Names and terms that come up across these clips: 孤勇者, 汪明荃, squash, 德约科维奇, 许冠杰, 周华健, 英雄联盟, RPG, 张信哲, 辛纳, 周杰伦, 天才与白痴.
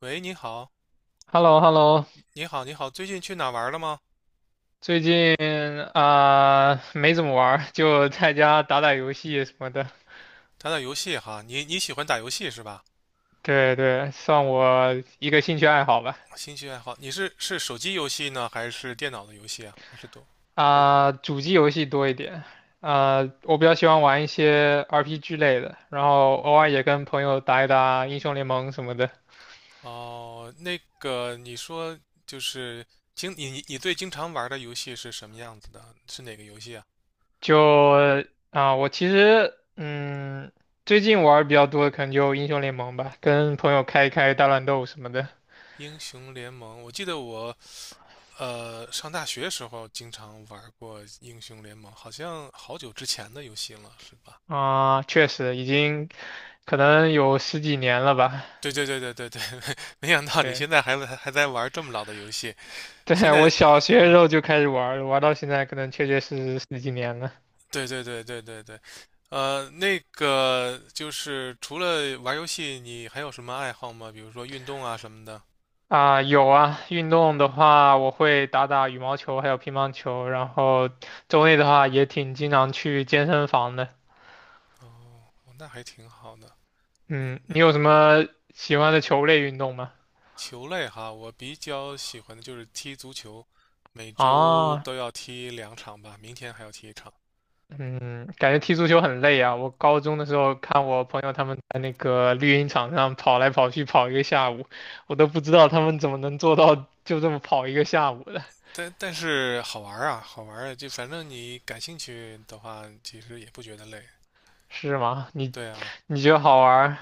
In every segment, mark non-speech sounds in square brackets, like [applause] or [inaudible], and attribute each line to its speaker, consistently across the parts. Speaker 1: 喂，你好，
Speaker 2: h e l l o h e l l o
Speaker 1: 你好，你好，最近去哪玩了吗？
Speaker 2: 最近没怎么玩儿就在家打打游戏什么的。
Speaker 1: 打打游戏哈，你喜欢打游戏是吧？
Speaker 2: 对对，算我一个兴趣爱好吧。
Speaker 1: 兴趣爱好，你是手机游戏呢，还是电脑的游戏啊？还是都？还是
Speaker 2: 主机游戏多一点。我比较喜欢玩一些 RPG 类的，然后偶尔也跟朋友打一打英雄联盟什么的。
Speaker 1: 哦，那个你说就是你最经常玩的游戏是什么样子的？是哪个游戏啊？
Speaker 2: 就我其实最近玩儿比较多的可能就英雄联盟吧，跟朋友开一开大乱斗什么的。
Speaker 1: 英雄联盟，我记得我上大学时候经常玩过英雄联盟，好像好久之前的游戏了，是吧？
Speaker 2: 啊，确实已经可能有十几年了吧。
Speaker 1: 对对对对对对，[laughs] 没想到你
Speaker 2: 对，
Speaker 1: 现在还在玩这么老的游戏。
Speaker 2: [laughs]
Speaker 1: 现
Speaker 2: 对，我
Speaker 1: 在，
Speaker 2: 小学的时
Speaker 1: 嗯，
Speaker 2: 候就开始玩儿了，玩到现在可能确确实实十几年了。
Speaker 1: 对对对对对对，那个就是除了玩游戏，你还有什么爱好吗？比如说运动啊什么的。
Speaker 2: 啊，有啊，运动的话，我会打打羽毛球，还有乒乓球，然后周内的话也挺经常去健身房的。
Speaker 1: 哦，那还挺好的。
Speaker 2: 嗯，
Speaker 1: 你
Speaker 2: 你有什么喜欢的球类运动吗？
Speaker 1: 球类哈，我比较喜欢的就是踢足球，每周
Speaker 2: 啊，
Speaker 1: 都要踢2场吧，明天还要踢一场。
Speaker 2: 嗯，感觉踢足球很累啊。我高中的时候看我朋友他们在那个绿茵场上跑来跑去跑一个下午，我都不知道他们怎么能做到就这么跑一个下午的。
Speaker 1: 但是好玩儿啊，好玩儿啊，就反正你感兴趣的话，其实也不觉得累。
Speaker 2: 是吗？你
Speaker 1: 对啊。
Speaker 2: 你觉得好玩儿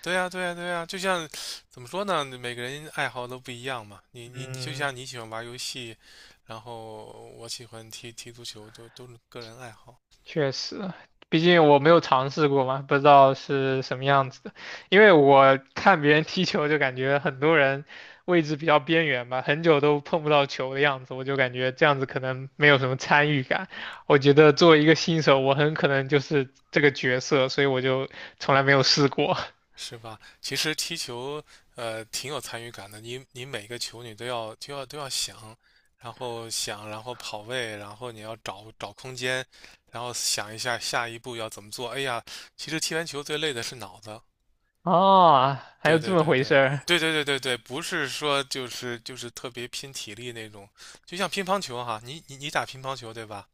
Speaker 1: 对呀，对呀，对呀，就像怎么说呢？每个人爱好都不一样嘛。你你你，就
Speaker 2: 嗯。
Speaker 1: 像你喜欢玩游戏，然后我喜欢踢踢足球，都是个人爱好，
Speaker 2: 确实，毕竟我没有尝试过嘛，不知道是什么样子的。因为我看别人踢球，就感觉很多人位置比较边缘吧，很久都碰不到球的样子，我就感觉这样子可能没有什么参与感。我觉得作为一个新手，我很可能就是这个角色，所以我就从来没有试过。
Speaker 1: 是吧？其实踢球，挺有参与感的。你每个球你都要想，然后想，然后跑位，然后你要找找空间，然后想一下下一步要怎么做。哎呀，其实踢完球最累的是脑子。
Speaker 2: [laughs] 哦，还
Speaker 1: 对
Speaker 2: 有这
Speaker 1: 对
Speaker 2: 么
Speaker 1: 对
Speaker 2: 回事
Speaker 1: 对
Speaker 2: 儿。
Speaker 1: 对对对对对，不是说就是特别拼体力那种，就像乒乓球哈，你打乒乓球对吧？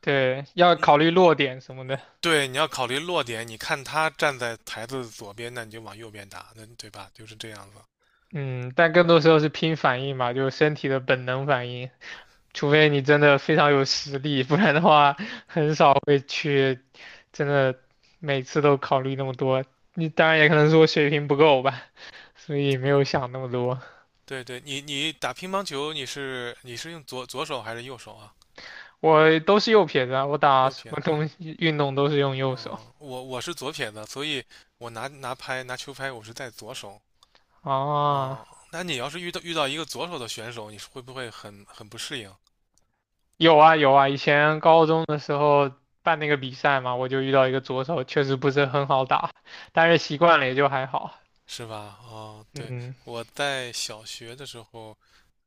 Speaker 2: 对，要考
Speaker 1: 你
Speaker 2: 虑落点什么的。
Speaker 1: 对，你要考虑落点，你看他站在台子左边，那你就往右边打，那对吧？就是这样子。
Speaker 2: 嗯，但更多时候是拼反应嘛，就是身体的本能反应。除非你真的非常有实力，不然的话很少会去真的每次都考虑那么多。你当然也可能是我水平不够吧，[laughs] 所以没有想那么多。
Speaker 1: 对对，你打乒乓球，你是用左手还是右手啊？
Speaker 2: 我都是右撇子啊，我打
Speaker 1: 右
Speaker 2: 什
Speaker 1: 撇
Speaker 2: 么东
Speaker 1: 子。
Speaker 2: 西运动都是用右手
Speaker 1: 嗯，我是左撇子，所以我拿球拍，我是在左手。
Speaker 2: 啊。
Speaker 1: 哦，那你要是遇到一个左手的选手，你是会不会很不适应？
Speaker 2: 有啊有啊，以前高中的时候办那个比赛嘛，我就遇到一个左手，确实不是很好打，但是习惯了也就还好。
Speaker 1: 是吧？哦，对，
Speaker 2: 嗯
Speaker 1: 我在小学的时候，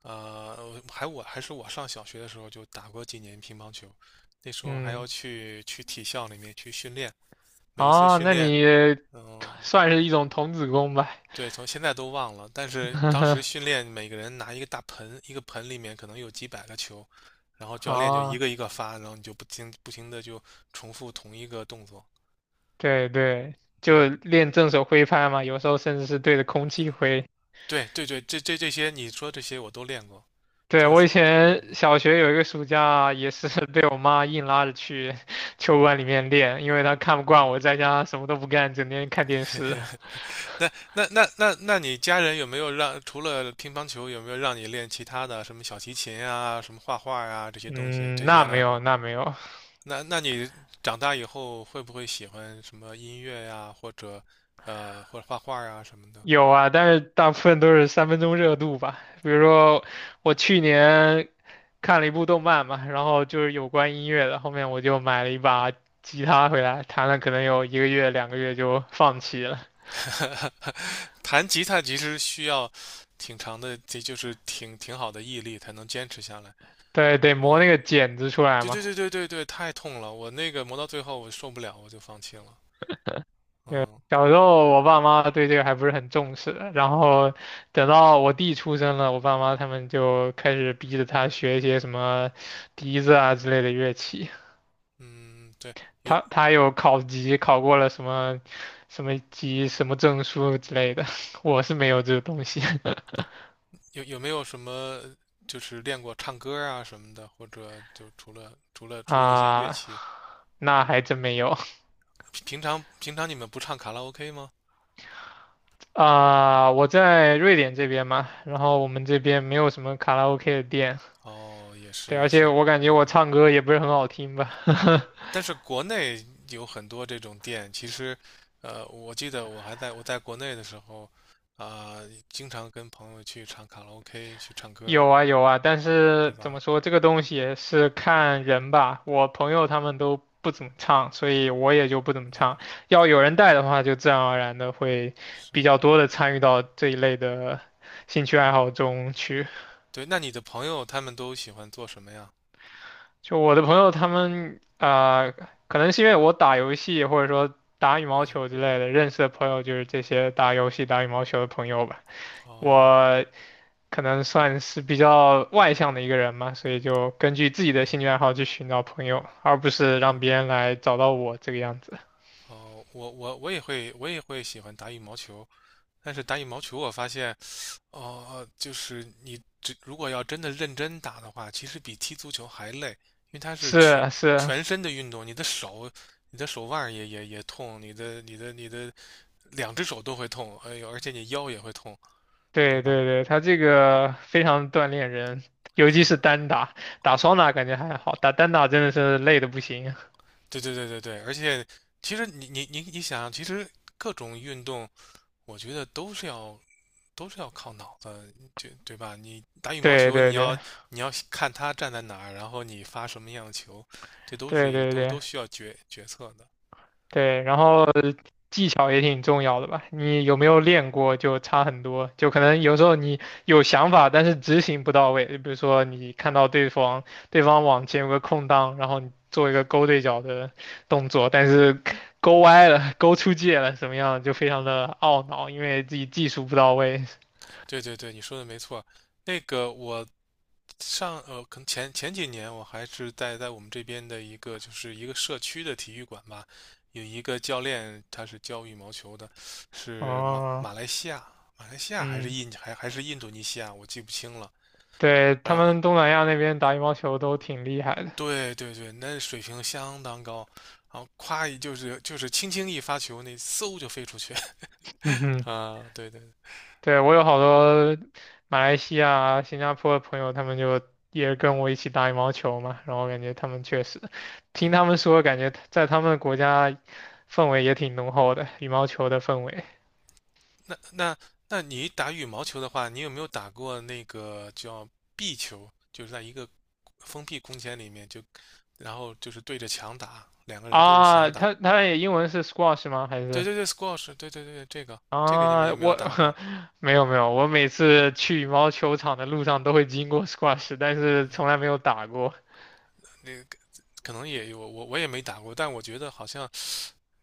Speaker 1: 呃，还我还是我上小学的时候就打过几年乒乓球，那时候还要
Speaker 2: 嗯。
Speaker 1: 去体校里面去训练，每一次
Speaker 2: 啊，
Speaker 1: 训
Speaker 2: 那
Speaker 1: 练，
Speaker 2: 你
Speaker 1: 嗯、
Speaker 2: 算是一种童子功吧。
Speaker 1: 对，从现在都忘了，但是当时
Speaker 2: [laughs]
Speaker 1: 训练每个人拿一个大盆，一个盆里面可能有几百个球，然后教练就一
Speaker 2: 啊，
Speaker 1: 个一个发，然后你就不停的就重复同一个动作。
Speaker 2: 对对，
Speaker 1: 嗯，
Speaker 2: 就练正手挥拍嘛，有时候甚至是对着空气挥。
Speaker 1: 对对对，这些你说这些我都练过，
Speaker 2: 对，
Speaker 1: 正
Speaker 2: 我以
Speaker 1: 是，
Speaker 2: 前
Speaker 1: 嗯
Speaker 2: 小学有一个暑假，也是 [laughs] 被我妈硬拉着去 [laughs] 球馆里
Speaker 1: 嗯
Speaker 2: 面练，因为她看不惯
Speaker 1: 嗯。
Speaker 2: 我在家什么都不干，整天看电视。
Speaker 1: 那你家人有没有让除了乒乓球，有没有让你练其他的什么小提琴啊、什么画画呀、这
Speaker 2: [laughs]
Speaker 1: 些东西
Speaker 2: 嗯，
Speaker 1: 这些
Speaker 2: 那
Speaker 1: 爱
Speaker 2: 没
Speaker 1: 好？
Speaker 2: 有，那没有。
Speaker 1: 那你长大以后会不会喜欢什么音乐呀，或者画画啊什么的？
Speaker 2: 有啊，但是大部分都是三分钟热度吧。比如说，我去年看了一部动漫嘛，然后就是有关音乐的，后面我就买了一把吉他回来，弹了可能有一个月、两个月就放弃了。
Speaker 1: [laughs] 弹吉他其实需要挺长的，这就是挺好的毅力才能坚持下来。
Speaker 2: 对，得磨那
Speaker 1: 嗯，
Speaker 2: 个茧子出来
Speaker 1: 对
Speaker 2: 嘛。
Speaker 1: 对对对对对，太痛了，我那个磨到最后我受不了，我就放弃了。
Speaker 2: 对，
Speaker 1: 嗯
Speaker 2: 小时候我爸妈对这个还不是很重视的，然后等到我弟出生了，我爸妈他们就开始逼着他学一些什么笛子啊之类的乐器。
Speaker 1: 嗯，对。有。
Speaker 2: 他有考级，考过了什么什么级、什么证书之类的，[laughs] 我是没有这个东西。 [laughs]
Speaker 1: 有没有什么就是练过唱歌啊什么的，或者就除了那些乐
Speaker 2: 啊，
Speaker 1: 器，
Speaker 2: 那还真没有
Speaker 1: 平常你们不唱卡拉 OK 吗？
Speaker 2: 啊。我在瑞典这边嘛，然后我们这边没有什么卡拉 OK 的店。
Speaker 1: 哦，也是
Speaker 2: 对，
Speaker 1: 也
Speaker 2: 而且
Speaker 1: 是，
Speaker 2: 我感觉我
Speaker 1: 嗯，
Speaker 2: 唱歌也不是很好听吧。[laughs]
Speaker 1: 但是国内有很多这种店，其实，我记得我在国内的时候，啊、经常跟朋友去唱卡拉 OK 去唱歌，
Speaker 2: 有啊有啊，但
Speaker 1: 对
Speaker 2: 是怎
Speaker 1: 吧？
Speaker 2: 么说，这个东西也是看人吧。我朋友他们都不怎么唱，所以我也就不怎么唱。
Speaker 1: 嗯，
Speaker 2: 要有人带的话，就自然而然的会比
Speaker 1: 是，
Speaker 2: 较多的参与到这一类的兴趣爱
Speaker 1: 嗯，
Speaker 2: 好中去。
Speaker 1: 对，那你的朋友他们都喜欢做什么呀？
Speaker 2: 就我的朋友他们可能是因为我打游戏或者说打羽毛
Speaker 1: 嗯，
Speaker 2: 球之类的，认识的朋友就是这些打游戏、打羽毛球的朋友吧。
Speaker 1: 哦，
Speaker 2: 我可能算是比较外向的一个人嘛，所以就根据自己的兴
Speaker 1: 嗯，
Speaker 2: 趣爱好去寻找朋友，而不是让
Speaker 1: 哦。
Speaker 2: 别人来找到我这个样子。
Speaker 1: 哦，我也会，我也会喜欢打羽毛球，但是打羽毛球我发现，哦，就是你如果要真的认真打的话，其实比踢足球还累，因为它是
Speaker 2: 是
Speaker 1: 全
Speaker 2: 啊是啊。
Speaker 1: 全身的运动，你的手、你的手腕儿也痛，你的两只手都会痛，哎呦，而且你腰也会痛，对
Speaker 2: 对
Speaker 1: 吧？
Speaker 2: 对对，他这个非常锻炼人，尤其
Speaker 1: 是
Speaker 2: 是
Speaker 1: 吧？
Speaker 2: 单打，打双打感觉还好，打单打真的是累的不行。
Speaker 1: 对对对对对，而且其实你想，其实各种运动，我觉得都是要靠脑子，对对吧？你打
Speaker 2: [laughs]
Speaker 1: 羽毛
Speaker 2: 对
Speaker 1: 球，你
Speaker 2: 对
Speaker 1: 要
Speaker 2: 对
Speaker 1: 你要看他站在哪儿，然后你发什么样的球，这都是
Speaker 2: 对对
Speaker 1: 都
Speaker 2: 对。
Speaker 1: 都需要决策的。
Speaker 2: 对，然后技巧也挺重要的吧？你有没有练过就差很多，就可能有时候你有想法，但是执行不到位。就比如说你看到对方往前有个空档，然后你做一个勾对角的动作，但是勾歪了、勾出界了，什么样就非常的懊恼，因为自己技术不到位。
Speaker 1: 对对对，你说的没错。那个我可能前几年我还是在我们这边的一个社区的体育馆吧，有一个教练他是教羽毛球的，是马
Speaker 2: 哦。
Speaker 1: 马来西亚，马来西亚还是
Speaker 2: 嗯，
Speaker 1: 还是印度尼西亚，我记不清了。
Speaker 2: 对，
Speaker 1: 然
Speaker 2: 他
Speaker 1: 后。
Speaker 2: 们东南亚那边打羽毛球都挺厉害的。
Speaker 1: 对对对，那水平相当高，然后夸一就是就是轻轻一发球，那嗖就飞出去
Speaker 2: [laughs] 嗯
Speaker 1: [laughs]
Speaker 2: 哼。
Speaker 1: 啊！对对，
Speaker 2: 对，我有好多马来西亚、新加坡的朋友，他们就也跟我一起打羽毛球嘛，然后感觉他们确实，听
Speaker 1: 嗯，
Speaker 2: 他们说，感觉在他们的国家氛围也挺浓厚的，羽毛球的氛围。
Speaker 1: 那那那你打羽毛球的话，你有没有打过那个叫壁球？就是在一个封闭空间里面就，然后就是对着墙打，2个人对着
Speaker 2: 啊，
Speaker 1: 墙打。
Speaker 2: 他也英文是 squash 吗？还
Speaker 1: 对
Speaker 2: 是
Speaker 1: 对对，squash，对对对，这个你们
Speaker 2: 啊，
Speaker 1: 有没有
Speaker 2: 我
Speaker 1: 打过？
Speaker 2: [laughs] 没有没有，我每次去羽毛球场的路上都会经过 squash，但是从来
Speaker 1: 嗯，
Speaker 2: 没有打过。
Speaker 1: 那个可能也有，我也没打过，但我觉得好像。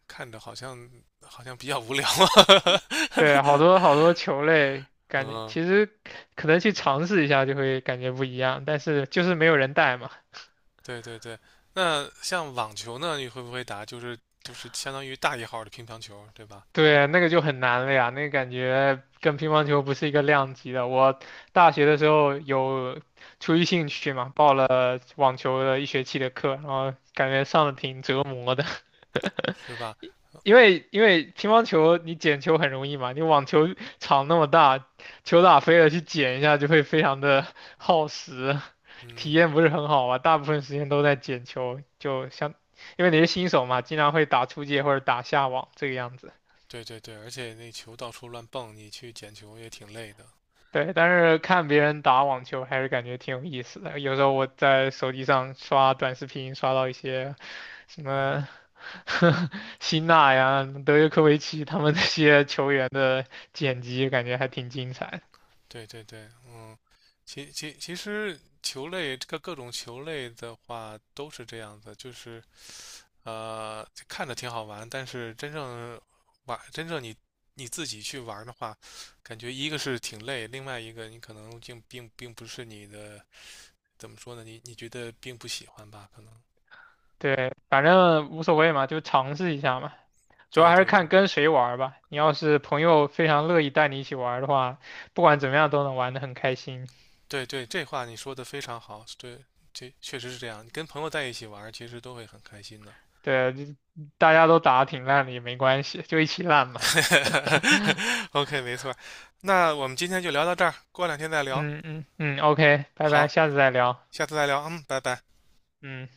Speaker 1: 看着好像比较无聊啊。
Speaker 2: 对，好多好多球类，
Speaker 1: [laughs]
Speaker 2: 感觉
Speaker 1: 嗯，
Speaker 2: 其实可能去尝试一下就会感觉不一样，但是就是没有人带嘛。
Speaker 1: 对对对。那像网球呢，你会不会打？就是相当于大一号的乒乓球，对吧？
Speaker 2: 对，那个就很难了呀，那个感觉跟乒乓球不是一个量级的。我大学的时候有出于兴趣嘛，报了网球的一学期的课，然后感觉上的挺折磨。
Speaker 1: 是吧？
Speaker 2: 因为乒乓球你捡球很容易嘛，你网球场那么大，球打飞了去捡一下就会非常的 [laughs] 耗时，体
Speaker 1: 嗯，
Speaker 2: 验不是很好吧？大部分时间都在捡球，就像因为你是新手嘛，经常会打出界或者打下网这个样子。
Speaker 1: 对对对，而且那球到处乱蹦，你去捡球也挺累的。
Speaker 2: 对，但是看别人打网球还是感觉挺有意思的。有时候我在手机上刷短视频，刷到一些什么
Speaker 1: 嗯，
Speaker 2: [laughs] 辛纳呀、德约科维奇他们那些球员的剪辑，感觉还挺精彩的。
Speaker 1: 对对对，嗯，其实球类这个各种球类的话都是这样子，就是。看着挺好玩，但是真正真正你自己去玩的话，感觉一个是挺累，另外一个你可能并不是你的，怎么说呢？你觉得并不喜欢吧？可能。
Speaker 2: 对，反正无所谓嘛，就尝试一下嘛。主要
Speaker 1: 对
Speaker 2: 还是
Speaker 1: 对对
Speaker 2: 看跟谁玩儿吧。你要是朋友非常乐意带你一起玩儿的话，不管怎么样都能玩得很开心。
Speaker 1: 对对，这话你说的非常好，对，这确实是这样。你跟朋友在一起玩，其实都会很开心的。
Speaker 2: 对，就大家都打得挺烂的也没关系，就一起烂嘛。[laughs]
Speaker 1: [laughs] OK，没错。那我们今天就聊到这儿，过两天再聊。
Speaker 2: 嗯嗯嗯，OK，拜拜，
Speaker 1: 好，
Speaker 2: 下次再聊。
Speaker 1: 下次再聊。嗯，拜拜。
Speaker 2: 嗯。